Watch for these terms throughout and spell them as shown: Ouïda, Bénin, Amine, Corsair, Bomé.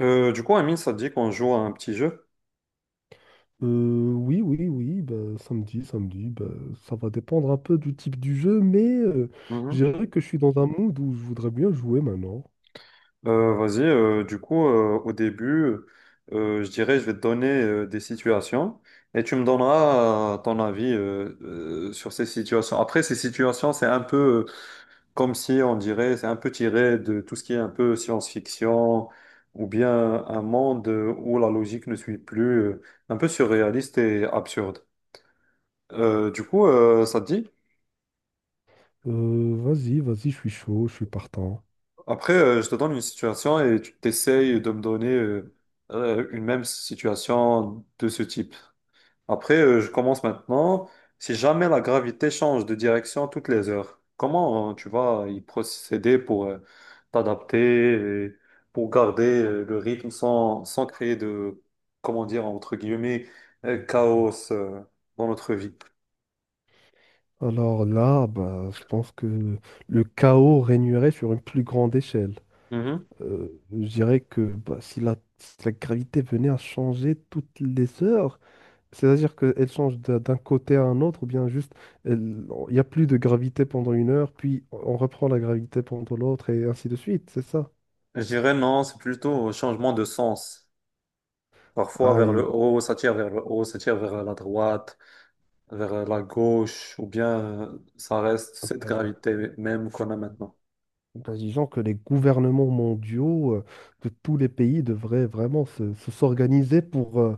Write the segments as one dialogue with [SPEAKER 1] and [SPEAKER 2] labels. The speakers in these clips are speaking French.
[SPEAKER 1] Du coup, Amine, ça te dit qu'on joue à un petit jeu?
[SPEAKER 2] Oui, oui, oui, bah, samedi, bah, ça va dépendre un peu du type du jeu, mais je
[SPEAKER 1] Mhm.
[SPEAKER 2] dirais que je suis dans un mood où je voudrais bien jouer maintenant.
[SPEAKER 1] Vas-y, du coup, au début, je dirais, je vais te donner des situations et tu me donneras ton avis sur ces situations. Après, ces situations, c'est un peu comme si on dirait, c'est un peu tiré de tout ce qui est un peu science-fiction ou bien un monde où la logique ne suit plus, un peu surréaliste et absurde. Du coup, ça te dit?
[SPEAKER 2] Vas-y, je suis chaud, je suis partant.
[SPEAKER 1] Après, je te donne une situation et tu t'essayes de me donner une même situation de ce type. Après, je commence maintenant. Si jamais la gravité change de direction toutes les heures, comment tu vas y procéder pour t'adapter et pour garder le rythme sans créer de, comment dire, entre guillemets, chaos dans notre vie?
[SPEAKER 2] Alors là, bah, je pense que le chaos régnerait sur une plus grande échelle.
[SPEAKER 1] Mhm.
[SPEAKER 2] Je dirais que bah, si la gravité venait à changer toutes les heures, c'est-à-dire qu'elle change d'un côté à un autre, ou bien juste, il n'y a plus de gravité pendant une heure, puis on reprend la gravité pendant l'autre, et ainsi de suite, c'est ça.
[SPEAKER 1] Je dirais non, c'est plutôt un changement de sens. Parfois
[SPEAKER 2] Ah,
[SPEAKER 1] vers le
[SPEAKER 2] et
[SPEAKER 1] haut, ça tire vers le haut, ça tire vers la droite, vers la gauche, ou bien ça reste cette gravité même qu'on a maintenant.
[SPEAKER 2] bah, disons que les gouvernements mondiaux de tous les pays devraient vraiment s'organiser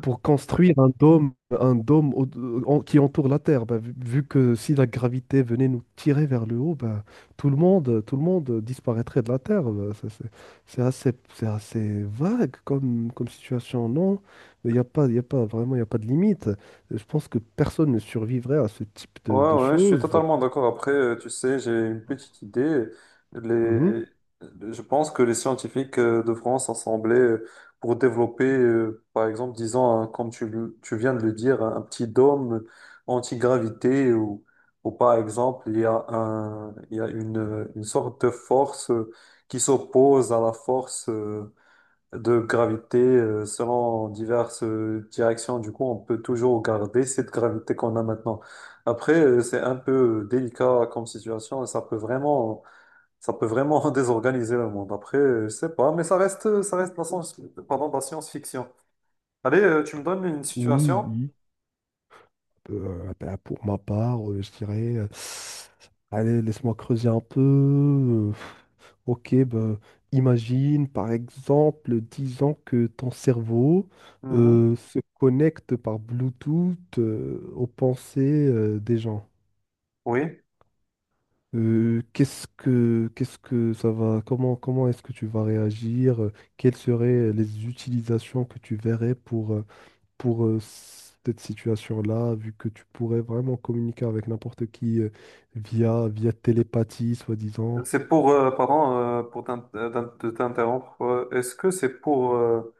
[SPEAKER 2] pour construire un dôme qui entoure la Terre. Bah, vu que si la gravité venait nous tirer vers le haut, bah, tout le monde disparaîtrait de la Terre. Bah, ça, c'est assez vague comme, comme situation, non? Il n'y a pas, il y a pas vraiment, il y a pas de limite. Je pense que personne ne survivrait à ce type
[SPEAKER 1] Ouais,
[SPEAKER 2] de
[SPEAKER 1] ouais, je suis
[SPEAKER 2] choses.
[SPEAKER 1] totalement d'accord. Après, tu sais, j'ai une petite idée.
[SPEAKER 2] Mhm.
[SPEAKER 1] Les... Je pense que les scientifiques devront s'assembler pour développer, par exemple, disons, comme tu, tu viens de le dire, un petit dôme anti-gravité ou par exemple, il y a un, il y a une sorte de force qui s'oppose à la force de gravité selon diverses directions. Du coup, on peut toujours garder cette gravité qu'on a maintenant. Après, c'est un peu délicat comme situation et ça peut vraiment désorganiser le monde. Après, je sais pas, mais ça reste la science, pardon, de la science-fiction. Allez, tu me donnes une
[SPEAKER 2] Oui,
[SPEAKER 1] situation?
[SPEAKER 2] oui. Bah, pour ma part, je dirais, allez, laisse-moi creuser un peu. Ok, ben, imagine par exemple, disons que ton cerveau
[SPEAKER 1] Mhm.
[SPEAKER 2] se connecte par Bluetooth aux pensées des gens.
[SPEAKER 1] Oui.
[SPEAKER 2] Qu'est-ce que ça va, comment, comment est-ce que tu vas réagir? Quelles seraient les utilisations que tu verrais pour cette situation-là, vu que tu pourrais vraiment communiquer avec n'importe qui via télépathie, soi-disant?
[SPEAKER 1] C'est pour, pardon, pour de t'interrompre. Est-ce que c'est pour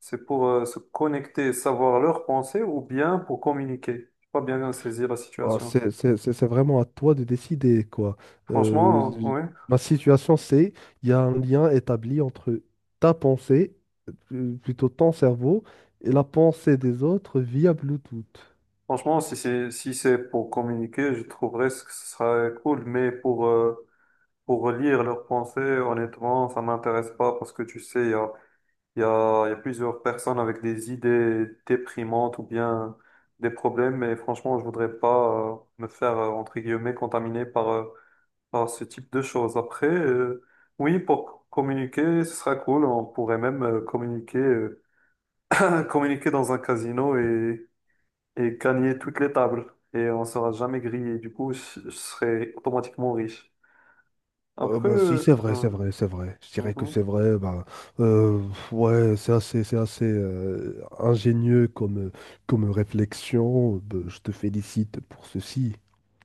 [SPEAKER 1] Se connecter, savoir leurs pensées ou bien pour communiquer. Je pas bien saisir la
[SPEAKER 2] Oh,
[SPEAKER 1] situation.
[SPEAKER 2] c'est vraiment à toi de décider, quoi.
[SPEAKER 1] Franchement,
[SPEAKER 2] Euh,
[SPEAKER 1] oui.
[SPEAKER 2] ma situation, c'est il y a un lien établi entre ta pensée, plutôt ton cerveau, et la pensée des autres via Bluetooth.
[SPEAKER 1] Franchement, si c'est pour communiquer, je trouverais ce que ce serait cool. Mais pour lire leurs pensées, honnêtement, ça m'intéresse pas parce que tu sais, il y a plusieurs personnes avec des idées déprimantes ou bien des problèmes. Et franchement, je voudrais pas me faire entre guillemets contaminer par Bon, ce type de choses. Après, oui, pour communiquer, ce sera cool. On pourrait même communiquer dans un casino et gagner toutes les tables. Et on sera jamais grillé. Du coup, je serai automatiquement riche. Après,
[SPEAKER 2] Bah, si,
[SPEAKER 1] hein.
[SPEAKER 2] c'est vrai. Je dirais que
[SPEAKER 1] Mhm.
[SPEAKER 2] c'est vrai. Bah, euh, ouais, c'est assez ingénieux comme, comme réflexion. Bah, je te félicite pour ceci.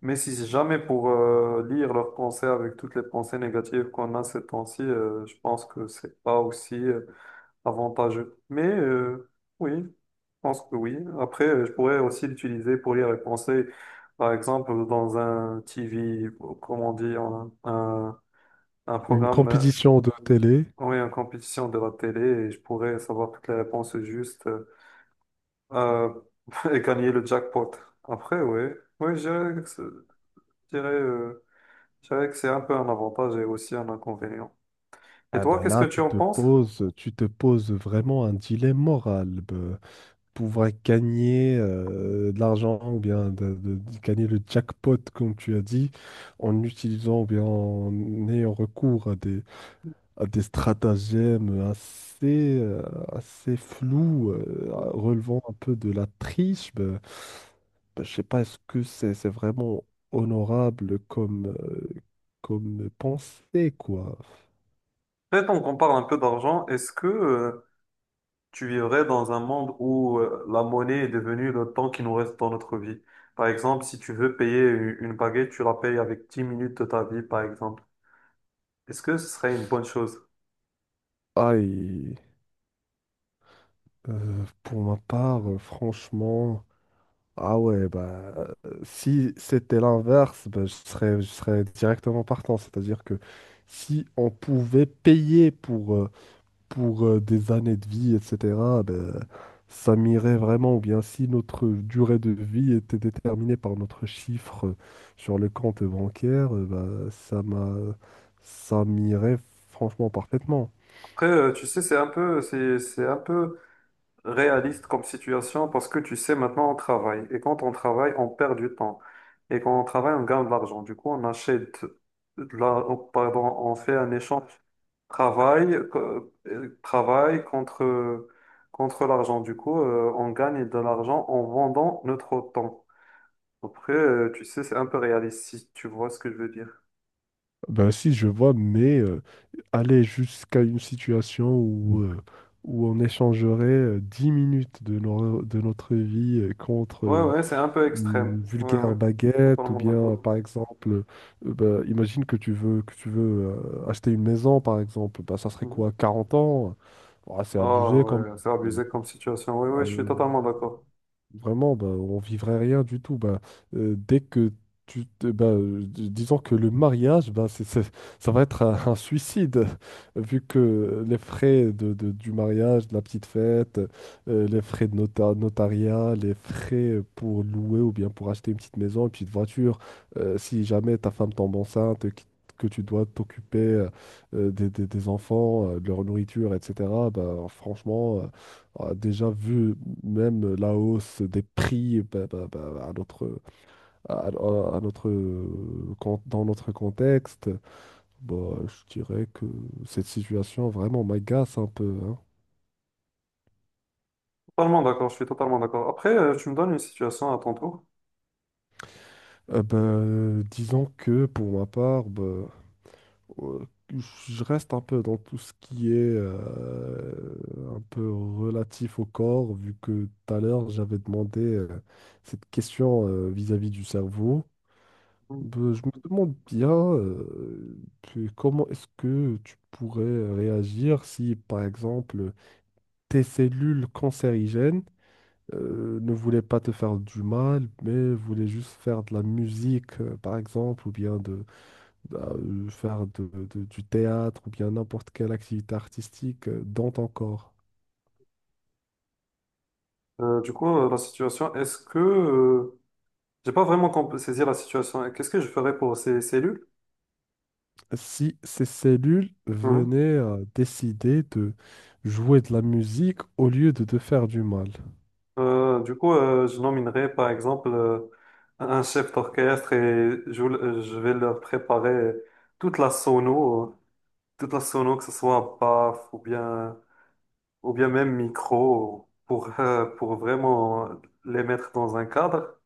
[SPEAKER 1] Mais si c'est jamais pour lire leurs pensées avec toutes les pensées négatives qu'on a ces temps-ci, je pense que c'est pas aussi avantageux. Mais oui, je pense que oui. Après, je pourrais aussi l'utiliser pour lire les pensées, par exemple, dans un TV, ou comment on dit, un
[SPEAKER 2] Une
[SPEAKER 1] programme,
[SPEAKER 2] compétition de télé.
[SPEAKER 1] oui, une compétition de la télé, et je pourrais savoir toutes les réponses justes euh, et gagner le jackpot. Après, oui, oui, je dirais que je dirais, euh, je dirais que c'est un peu un avantage et aussi un inconvénient. Et
[SPEAKER 2] Ah
[SPEAKER 1] toi,
[SPEAKER 2] ben
[SPEAKER 1] qu'est-ce que
[SPEAKER 2] là,
[SPEAKER 1] tu en penses?
[SPEAKER 2] tu te poses vraiment un dilemme moral. Ben, pouvoir gagner de l'argent ou bien de gagner le jackpot, comme tu as dit, en utilisant ou bien en ayant recours à des stratagèmes assez, assez flous, relevant un peu de la triche. Ben, ben, je sais pas, est-ce que c'est vraiment honorable comme, comme pensée, quoi?
[SPEAKER 1] Peut-être on compare un peu d'argent. Est-ce que tu vivrais dans un monde où la monnaie est devenue le temps qui nous reste dans notre vie. Par exemple, si tu veux payer une baguette, tu la payes avec 10 minutes de ta vie, par exemple. Est-ce que ce serait une bonne chose?
[SPEAKER 2] Aïe. Pour ma part, franchement, ah ouais, bah si c'était l'inverse, bah, je serais directement partant. C'est-à-dire que si on pouvait payer pour des années de vie, etc., bah, ça m'irait vraiment. Ou bien si notre durée de vie était déterminée par notre chiffre sur le compte bancaire, bah, ça m'irait franchement parfaitement.
[SPEAKER 1] Après, tu sais, c'est un peu réaliste comme situation parce que tu sais, maintenant, on travaille. Et quand on travaille, on perd du temps. Et quand on travaille, on gagne de l'argent. Du coup, on achète, oh, pardon, on fait un échange travail, travail contre l'argent. Du coup, on gagne de l'argent en vendant notre temps. Après, tu sais, c'est un peu réaliste, si tu vois ce que je veux dire.
[SPEAKER 2] Ben si, je vois, mais aller jusqu'à une situation où, où on échangerait 10 minutes de, de notre vie contre
[SPEAKER 1] Ouais, ouais, c'est un peu extrême.
[SPEAKER 2] une
[SPEAKER 1] Ouais,
[SPEAKER 2] vulgaire
[SPEAKER 1] ouais,
[SPEAKER 2] baguette, ou
[SPEAKER 1] totalement
[SPEAKER 2] bien
[SPEAKER 1] d'accord.
[SPEAKER 2] par exemple, ben, imagine que tu veux acheter une maison, par exemple, ben, ça serait
[SPEAKER 1] Mhm.
[SPEAKER 2] quoi, 40 ans? Ouais, c'est
[SPEAKER 1] Ah
[SPEAKER 2] abusé quand
[SPEAKER 1] ouais, c'est
[SPEAKER 2] même.
[SPEAKER 1] abusé comme situation. Ouais,
[SPEAKER 2] Ah,
[SPEAKER 1] ouais, je suis totalement d'accord.
[SPEAKER 2] vraiment, bah, on vivrait rien du tout. Bah, dès que bah, disons que le mariage, bah, ça va être un suicide, vu que les frais du mariage, de la petite fête, les frais de notariat, les frais pour louer ou bien pour acheter une petite maison, une petite voiture, si jamais ta femme tombe enceinte, que tu dois t'occuper des enfants, de leur nourriture, etc. Bah, franchement. Euh, a déjà vu même la hausse des prix bah, à notre, à notre, dans notre contexte, bah, je dirais que cette situation vraiment m'agace un peu, hein.
[SPEAKER 1] Totalement d'accord, je suis totalement d'accord. Après, tu me donnes une situation à ton tour.
[SPEAKER 2] Ben, disons que pour ma part, ben, euh, je reste un peu dans tout ce qui est un peu relatif au corps, vu que tout à l'heure j'avais demandé cette question vis-à-vis du cerveau.
[SPEAKER 1] Mhm.
[SPEAKER 2] Ben, je me demande bien comment est-ce que tu pourrais réagir si, par exemple, tes cellules cancérigènes ne voulaient pas te faire du mal, mais voulaient juste faire de la musique, par exemple, ou bien de, bah, faire du théâtre, ou bien n'importe quelle activité artistique dans ton corps.
[SPEAKER 1] Du coup, la situation, j'ai pas vraiment saisi la situation. Qu'est-ce que je ferais pour ces cellules?
[SPEAKER 2] Si ces cellules venaient à décider de jouer de la musique au lieu de te faire du mal.
[SPEAKER 1] Du coup, je nominerai par exemple un chef d'orchestre et je vais leur préparer toute la sono, euh, toute la sono, que ce soit baff ou bien même micro, pour vraiment les mettre dans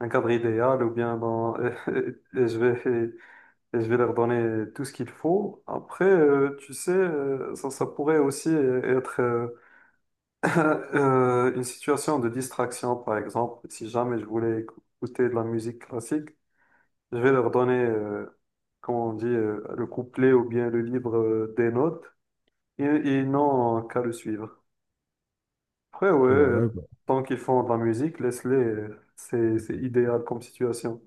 [SPEAKER 1] un cadre idéal ou bien dans... Et je vais, et je vais leur donner tout ce qu'il faut. Après, tu sais, ça pourrait aussi être une situation de distraction, par exemple, si jamais je voulais écouter de la musique classique, je vais leur donner, comment on dit, le couplet ou bien le livre des notes, et ils n'ont qu'à le suivre. Après, ouais,
[SPEAKER 2] Ouais.
[SPEAKER 1] tant qu'ils font de la musique, laisse-les, c'est idéal comme situation.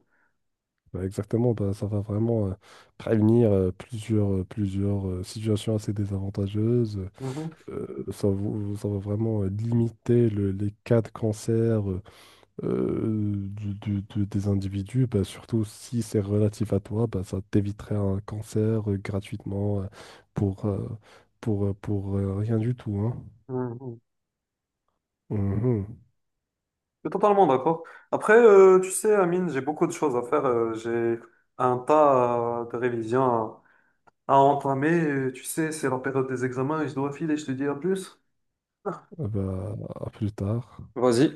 [SPEAKER 2] Bah, exactement, bah, ça va vraiment prévenir plusieurs, plusieurs situations assez désavantageuses.
[SPEAKER 1] Mhm,
[SPEAKER 2] Ça va vraiment limiter les cas de cancer des individus, bah, surtout si c'est relatif à toi, bah, ça t'éviterait un cancer gratuitement pour, euh, pour rien du tout, hein.
[SPEAKER 1] mhm.
[SPEAKER 2] Mhm.
[SPEAKER 1] Je suis totalement d'accord. Après, tu sais, Amine, j'ai beaucoup de choses à faire. J'ai un tas de révisions à entamer. Tu sais, c'est la période des examens et je dois filer. Je te dis à plus.
[SPEAKER 2] Bah, à plus tard.
[SPEAKER 1] Vas-y.